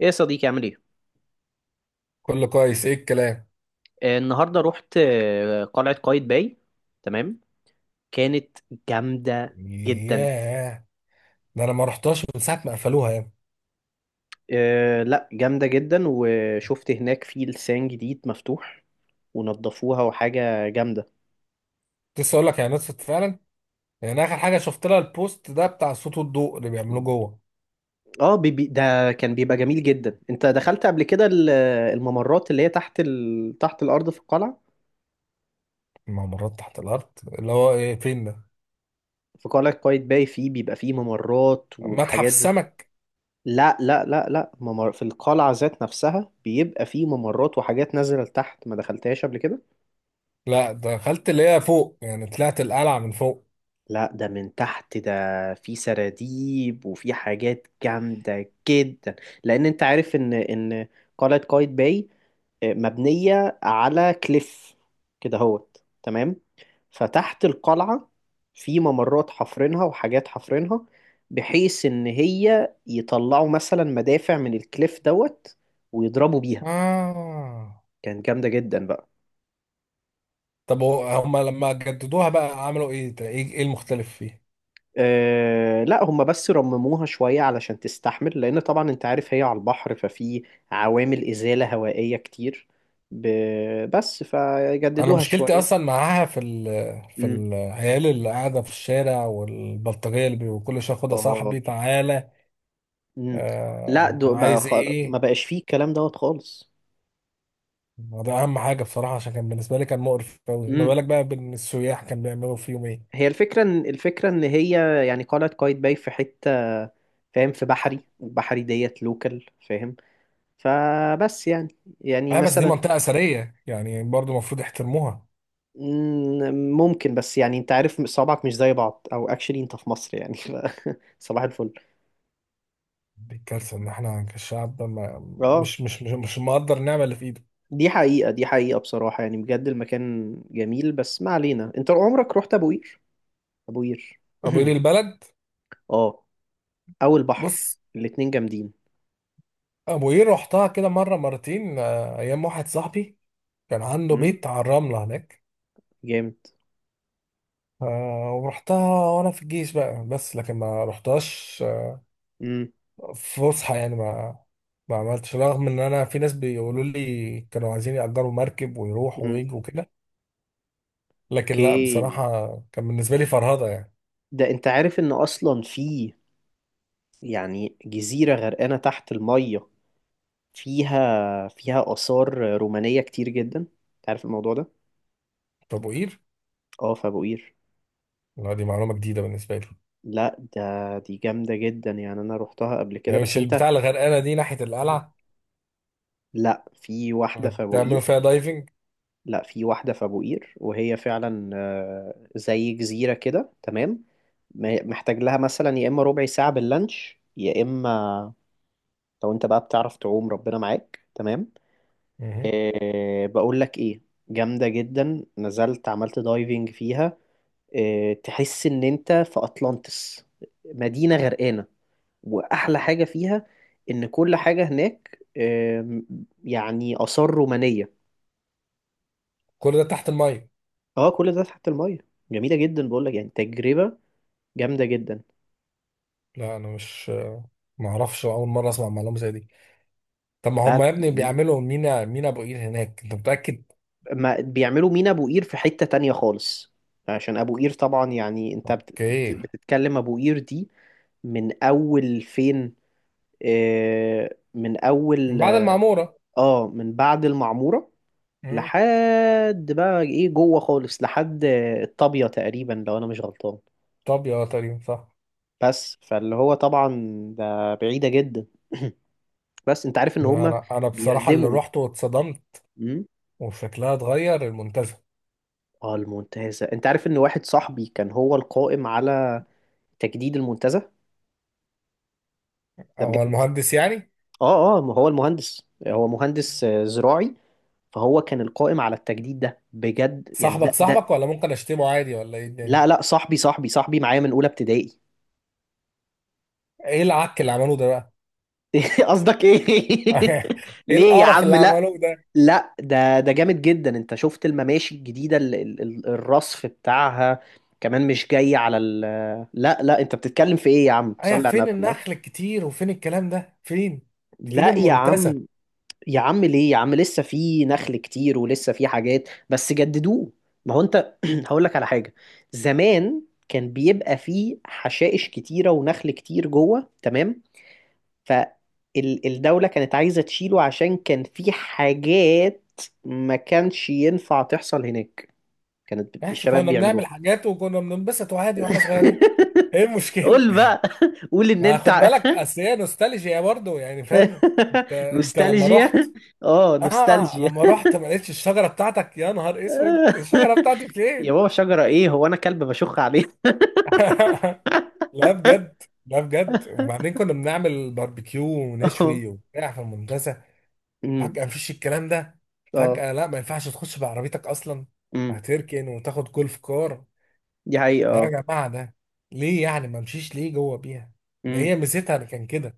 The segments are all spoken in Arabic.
ايه يا صديقي عامل ايه؟ كله كويس، ايه الكلام؟ النهارده رحت قلعة قايتباي. تمام. كانت جامدة جدا. ياه. ده انا ما رحتهاش من ساعه ما قفلوها يعني. آه لا، جامدة جدا، وشفت هناك في لسان جديد مفتوح ونضفوها، وحاجة جامدة. كنت لسه اقول لك يعني نطفت فعلا. يعني اخر حاجه شفت لها البوست ده بتاع صوت والضوء اللي بيعملوه جوه. اه بي بي ده كان بيبقى جميل جدا. انت دخلت قبل كده الممرات اللي هي تحت تحت الارض في القلعة. الممرات تحت الارض، اللي هو ايه، فين ده، في قلعة قايتباي فيه بيبقى فيه ممرات متحف وحاجات السمك؟ لا لا لا لا، في القلعة ذات نفسها بيبقى فيه ممرات وحاجات نازلة لتحت، ما دخلتهاش قبل كده. لا، دخلت اللي هي فوق، يعني طلعت القلعه من فوق. لا ده من تحت، ده في سراديب وفي حاجات جامدة جدا. لأن أنت عارف إن قلعة قايتباي مبنية على كليف كده، هوت تمام. فتحت القلعة في ممرات حفرينها وحاجات حفرينها، بحيث إن هي يطلعوا مثلا مدافع من الكليف دوت ويضربوا بيها. اه، كانت جامدة جدا بقى. طب هو هما لما جددوها بقى عملوا ايه؟ ده إيه المختلف فيه؟ آه لا، هم بس رمموها شوية علشان تستحمل، لأن طبعا أنت عارف هي على البحر، ففي عوامل إزالة هوائية كتير. ب... بس انا فجددوها مشكلتي شوية. اصلا معاها في في امم. العيال اللي قاعده في الشارع والبلطجيه اللي وكل شويه خدها اه. صاحبي تعالى. امم. لا آه، دو بقى عايز ما ايه؟ بقاش فيه الكلام دوت خالص. ده اهم حاجه بصراحه، عشان كان بالنسبه لي كان مقرف قوي، ما امم. بالك بقى بان السياح كان بيعملوا فيهم ايه. هي الفكرة إن، هي يعني قلعة قايتباي في حتة، فاهم؟ في بحري، وبحري ديت لوكال، فاهم؟ فبس يعني اه بس دي مثلا. منطقه اثريه يعني، برضو المفروض يحترموها. ممكن، بس يعني انت عارف صوابعك مش زي بعض، او اكشلي انت في مصر يعني. صباح الفل. دي الكارثه ان احنا كشعب ما اه. مش مقدر النعمه اللي في ايده. دي حقيقة دي حقيقة، بصراحة يعني بجد المكان جميل، بس ما علينا. انت عمرك رحت ابو قير؟ ابو قير ابو قير البلد. اه. او البحر. بص. الاتنين جامدين. ابو قير رحتها كده مره مرتين، ايام واحد صاحبي كان عنده امم. بيت على الرمله هناك. جامد. ورحتها وانا في الجيش بقى، بس لكن ما رحتهاش امم. فسحة يعني، ما عملتش، رغم ان انا في ناس بيقولوا لي كانوا عايزين يأجروا مركب ويروحوا امم. ويجوا كده. لكن لا، اوكي. بصراحة كان بالنسبة لي فرهضة يعني. ده انت عارف ان اصلا في يعني جزيرة غرقانة تحت المية، فيها آثار رومانية كتير جدا. انت عارف الموضوع ده؟ طب وقير؟ اه، في ابو قير. لا، دي معلومة جديدة بالنسبة لي. لا ده، دي جامدة جدا يعني، أنا روحتها قبل كده، هي مش بس أنت. البتاع اللي غرقانة دي ناحية القلعة؟ لا، في كنت واحدة في أبو تعملوا قير. فيها دايفنج؟ لا في واحدة في أبو قير، وهي فعلا زي جزيرة كده تمام. محتاج لها مثلا يا إما ربع ساعة باللانش، يا إما لو أنت بقى بتعرف تعوم، ربنا معاك تمام. مهم. أه بقول لك إيه، جامدة جدا، نزلت عملت دايفنج فيها. أه تحس إن أنت في أطلانتس، مدينة غرقانة. واحلى حاجه فيها ان كل حاجه هناك يعني اثار رومانيه. كل ده تحت المية؟ اه كل ده تحت الميه، جميله جدا. بقول لك يعني تجربه جامده جدا. لا، انا مش ما اعرفش، اول مرة اسمع معلومة زي دي. طب ما لا هم يا لا ابني جميل، بيعملوا مينا ابو قير هناك، انت متأكد؟ ما بيعملوا مينا ابو قير في حته تانية خالص. عشان ابو قير طبعا يعني انت اوكي. بتتكلم ابو قير دي، من اول فين؟ من من اول. بعد المعمورة. اه، من بعد المعموره، مم. لحد بقى ايه جوه خالص، لحد الطابيه تقريبا لو انا مش غلطان. طب يا تقريبا صح. بس فاللي هو طبعا ده بعيدة جدا. بس انت عارف ان هما انا بصراحه اللي بيردموا. رحت واتصدمت امم. وشكلها اتغير المنتزه. اه المنتزه، انت عارف ان واحد صاحبي كان هو القائم على تجديد المنتزه؟ ده هو بجد. المهندس يعني؟ اه اه، ما هو المهندس، هو مهندس زراعي، فهو كان القائم على التجديد ده، بجد يعني ده صاحبك ده صاحبك، ولا ممكن اشتمه عادي ولا ايه الدنيا؟ لا لا، صاحبي صاحبي صاحبي معايا من اولى ابتدائي. ايه العك اللي عملوه ده بقى؟ قصدك ايه؟ ايه ليه يا القرف عم اللي لا. عملوه ده؟ لا ده جامد جدا. انت شفت المماشي الجديده، الرصف بتاعها، كمان مش جاي على ال. لا لا، انت بتتكلم في ايه يا عم؟ ايه، صلي على فين النبي، الله. النخل الكتير وفين الكلام ده، فين؟ فين لا يا المنتزه؟ عم. يا عم ليه يا عم، لسه في نخل كتير ولسه في حاجات، بس جددوه. ما هو انت هقول لك على حاجه. زمان كان بيبقى فيه حشائش كتيره ونخل كتير جوه تمام، فالدوله كانت عايزه تشيله، عشان كان في حاجات ما كانش ينفع تحصل هناك، كانت ماشي، الشباب كنا بنعمل بيعملوها. حاجات وكنا بننبسط وعادي واحنا صغيرين. ايه المشكلة؟ قول بقى. قول ان ما انت خد بالك، اصل هي نوستالجيا برضه يعني، فاهم. انت انت لما نوستالجيا. رحت، اه، اه نوستالجيا. لما رحت ما لقيتش الشجره بتاعتك، يا نهار اسود، الشجره بتاعتي يا فين؟ بابا، شجرة ايه؟ هو انا كلب بشخ عليه؟ لا بجد، لا بجد، وبعدين كنا بنعمل باربيكيو اه. ونشوي وبتاع في المنتزه، امم. فجاه مفيش الكلام ده. اه. فجاه لا، ما ينفعش تخش بعربيتك اصلا، امم. هتركن وتاخد جولف كار. دي حقيقة. يا اه. جماعه، ده ليه يعني، ما امشيش ليه جوه بيها؟ ده امم. هي ميزتها كان كده،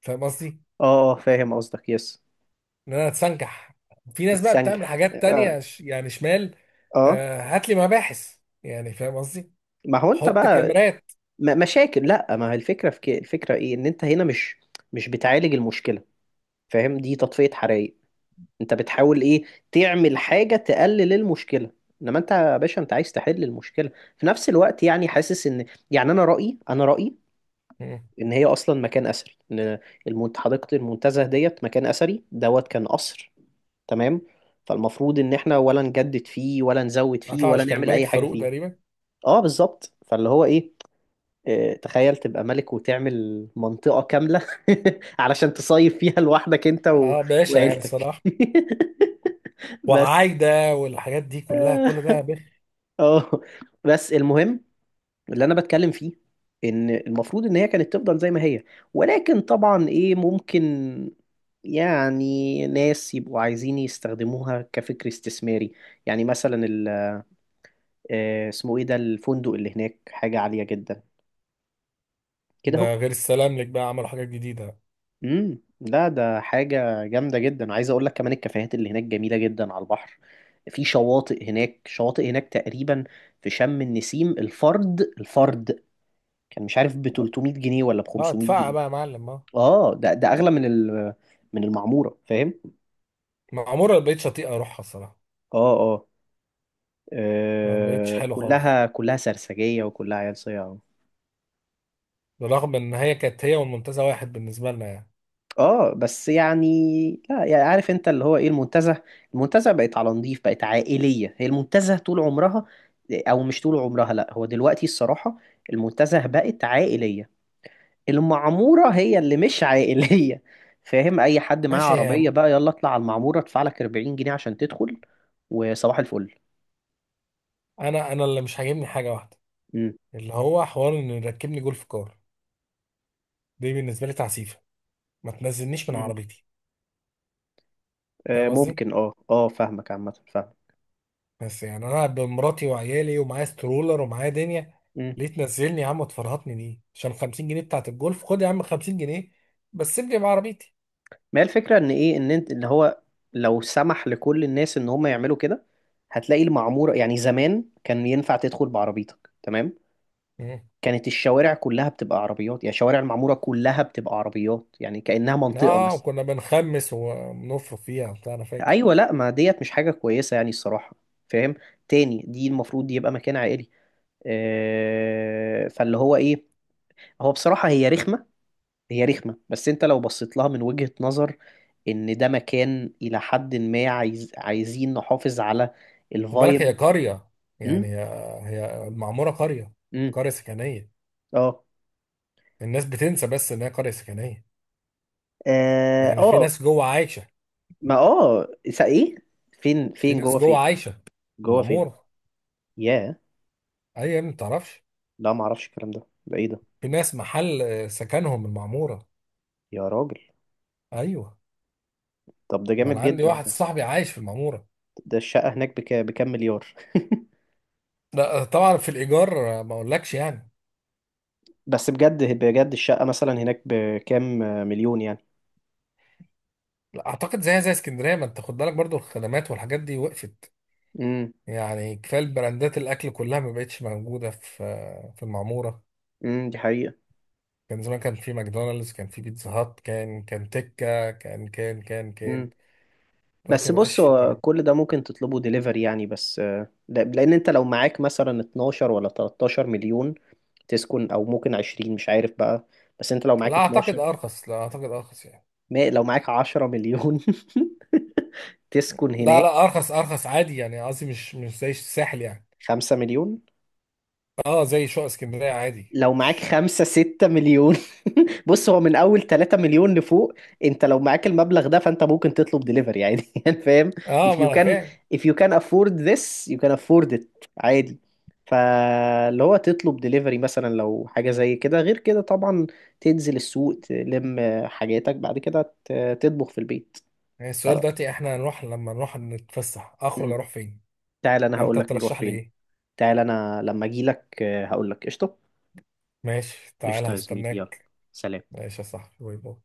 فاهم قصدي. اه فاهم قصدك يس. ان انا اتسنكح، في ناس بقى بتعمل تتسنجح حاجات اه. تانية يعني شمال. اه. هات لي مباحث يعني، فاهم. ما هو انت حط بقى كاميرات. مشاكل. لا، ما هي الفكرة في كده. الفكرة ايه، ان انت هنا مش مش بتعالج المشكلة، فاهم؟ دي تطفية حرائق. انت بتحاول ايه، تعمل حاجة تقلل المشكلة. انما انت يا باشا، انت عايز تحل المشكلة. في نفس الوقت يعني، حاسس ان يعني انا رأيي مم. ان هي اصلا مكان اثري، ان حديقة المنتزه ديت مكان اثري دوت، كان قصر تمام. فالمفروض ان احنا ولا نجدد فيه ولا نزود فيه ولا عطاوش كان نعمل الملك اي حاجة فاروق فيه. تقريبا. اه بالظبط، فاللي هو ايه، اه، تخيل تبقى ملك وتعمل منطقة كاملة علشان تصيف فيها لوحدك انت اه باشا، يعني وعيلتك. الصراحه، بس. وعايده والحاجات دي كلها، كل ده يا بخ. اه، بس المهم، اللي انا بتكلم فيه ان المفروض ان هي كانت تفضل زي ما هي، ولكن طبعا ايه، ممكن يعني ناس يبقوا عايزين يستخدموها كفكر استثماري. يعني مثلا اسمه ايه ده الفندق اللي هناك، حاجة عالية جدا كده اهو. ده غير السلام لك بقى، عملوا حاجات جديده. امم. لا ده حاجة جامدة جدا، عايز اقول لك كمان الكافيهات اللي هناك جميلة جدا على البحر، في شواطئ هناك، شواطئ هناك تقريبا في شم النسيم الفرد الفرد كان مش عارف ب 300 جنيه ولا ب اه، 500 اتفقع جنيه بقى يا معلم، اه. اه ده اغلى من ال، من المعموره، فاهم؟ معموره ما بقتش اطيق اروحها الصراحه، اه اه ما بقتش حلو خالص، كلها كلها سرسجيه وكلها عيال صياعه. بالرغم ان هي كانت هي والمنتزه واحد بالنسبه لنا يعني. اه بس يعني، لا يعني، عارف انت اللي هو ايه، المنتزه المنتزه بقت على نضيف، بقت عائليه. هي المنتزه طول عمرها، او مش طول عمرها لا، هو دلوقتي الصراحه المنتزه بقت عائليه. المعمورة هي اللي مش عائلية، فاهم؟ أي حد معاه ماشي يا عربية عم. بقى يلا اطلع على المعمورة، ادفع لك 40 جنيه عشان تدخل، وصباح الفل. انا اللي مش عاجبني حاجه واحده، مم. اللي هو حوار ان يركبني جولف كار. دي بالنسبه لي تعسيفه، ما تنزلنيش من مم. عربيتي، فاهم آه قصدي. ممكن، اه اه، فاهمك عامة، فاهم. بس يعني انا قاعد بمراتي وعيالي، ومعايا سترولر ومعايا دنيا، مم. ليه تنزلني يا عم وتفرهطني دي عشان 50 جنيه بتاعت الجولف؟ خد يا عم 50 جنيه، بس سيبني بعربيتي. ما هي الفكرة ان ايه، ان انت ان هو لو سمح لكل الناس ان هم يعملوا كده، هتلاقي المعمورة، يعني زمان كان ينفع تدخل بعربيتك تمام. مم. كانت الشوارع كلها بتبقى عربيات، يعني شوارع المعمورة كلها بتبقى عربيات، يعني كأنها منطقة اه، مثلا. وكنا بنخمس ونفرق فيها وبتاع، انا فاكر. ايوه لا، ما ديت مش حاجه كويسه يعني الصراحه، فاهم؟ تاني، دي المفروض يبقى مكان عائلي. فاللي هو ايه، هو بصراحه هي رخمه، هي رخمه، بس انت لو بصيت لها من وجهه نظر ان ده مكان الى حد ما، عايزين نحافظ على خد بالك هي الفايب. قرية، امم. يعني هي المعمورة قرية، امم. قرية سكنية. اه. الناس بتنسى بس ان هي قرية سكنية، اه. يعني في ناس جوه عايشة، ما اه ايه، فين في فين ناس جوه فين؟ جوه عايشة في جوه فين؟ المعمورة. ياه. ايوه يا ابني، ما تعرفش؟ لا ما اعرفش الكلام ده، ده ايه ده؟ في ناس محل سكنهم المعمورة. يا راجل. ايوه. طب ده ما انا جامد عندي جدا. واحد صاحبي عايش في المعموره. ده الشقة هناك بكام مليار؟ لا طبعا في الايجار، ما اقولكش يعني. بس بجد بجد، الشقة مثلا هناك بكام مليون يعني؟ لا اعتقد زيها زي اسكندريه، ما انت خد بالك، برضو الخدمات والحاجات دي وقفت، امم. يعني كفايه البراندات، الاكل كلها ما بقتش موجوده في المعموره. امم. دي حقيقة. كان زمان، كان في ماكدونالدز، كان في بيتزا هات، كان تكه، كان. امم. دلوقتي بس ما بقاش بص، فيه هو يعني. كل ده ممكن تطلبه ديليفري يعني. بس لأن أنت لو معاك مثلا 12 ولا 13 مليون تسكن، أو ممكن 20، مش عارف بقى. بس أنت لو لا معاك اعتقد 12، ارخص، لا اعتقد ارخص يعني. ما لو معاك 10 مليون تسكن لا هناك. لا، ارخص ارخص عادي يعني، قصدي مش زي الساحل يعني، 5 مليون. اه زي شقق اسكندريه عادي، لو معاك مش خمسة ستة مليون بص، هو من أول تلاتة مليون لفوق أنت لو معاك المبلغ ده، فأنت ممكن تطلب دليفري عادي يعني فاهم؟ if اه ما you انا can, فاهم. if you can afford this you can afford it، عادي. فاللي هو تطلب دليفري مثلا لو حاجة زي كده، غير كده طبعا تنزل السوق تلم حاجاتك، بعد كده تطبخ في البيت. يعني ف- السؤال دلوقتي، احنا هنروح لما نروح نتفسح اخرج م. اروح فين؟ تعال، أنا انت هقولك نروح ترشح لي فين. ايه؟ تعال أنا لما أجيلك هقولك قشطة. ماشي تعالى قشطة يا زميلي، يلا، هستناك. سلام. ماشي يا صاحبي، باي باي.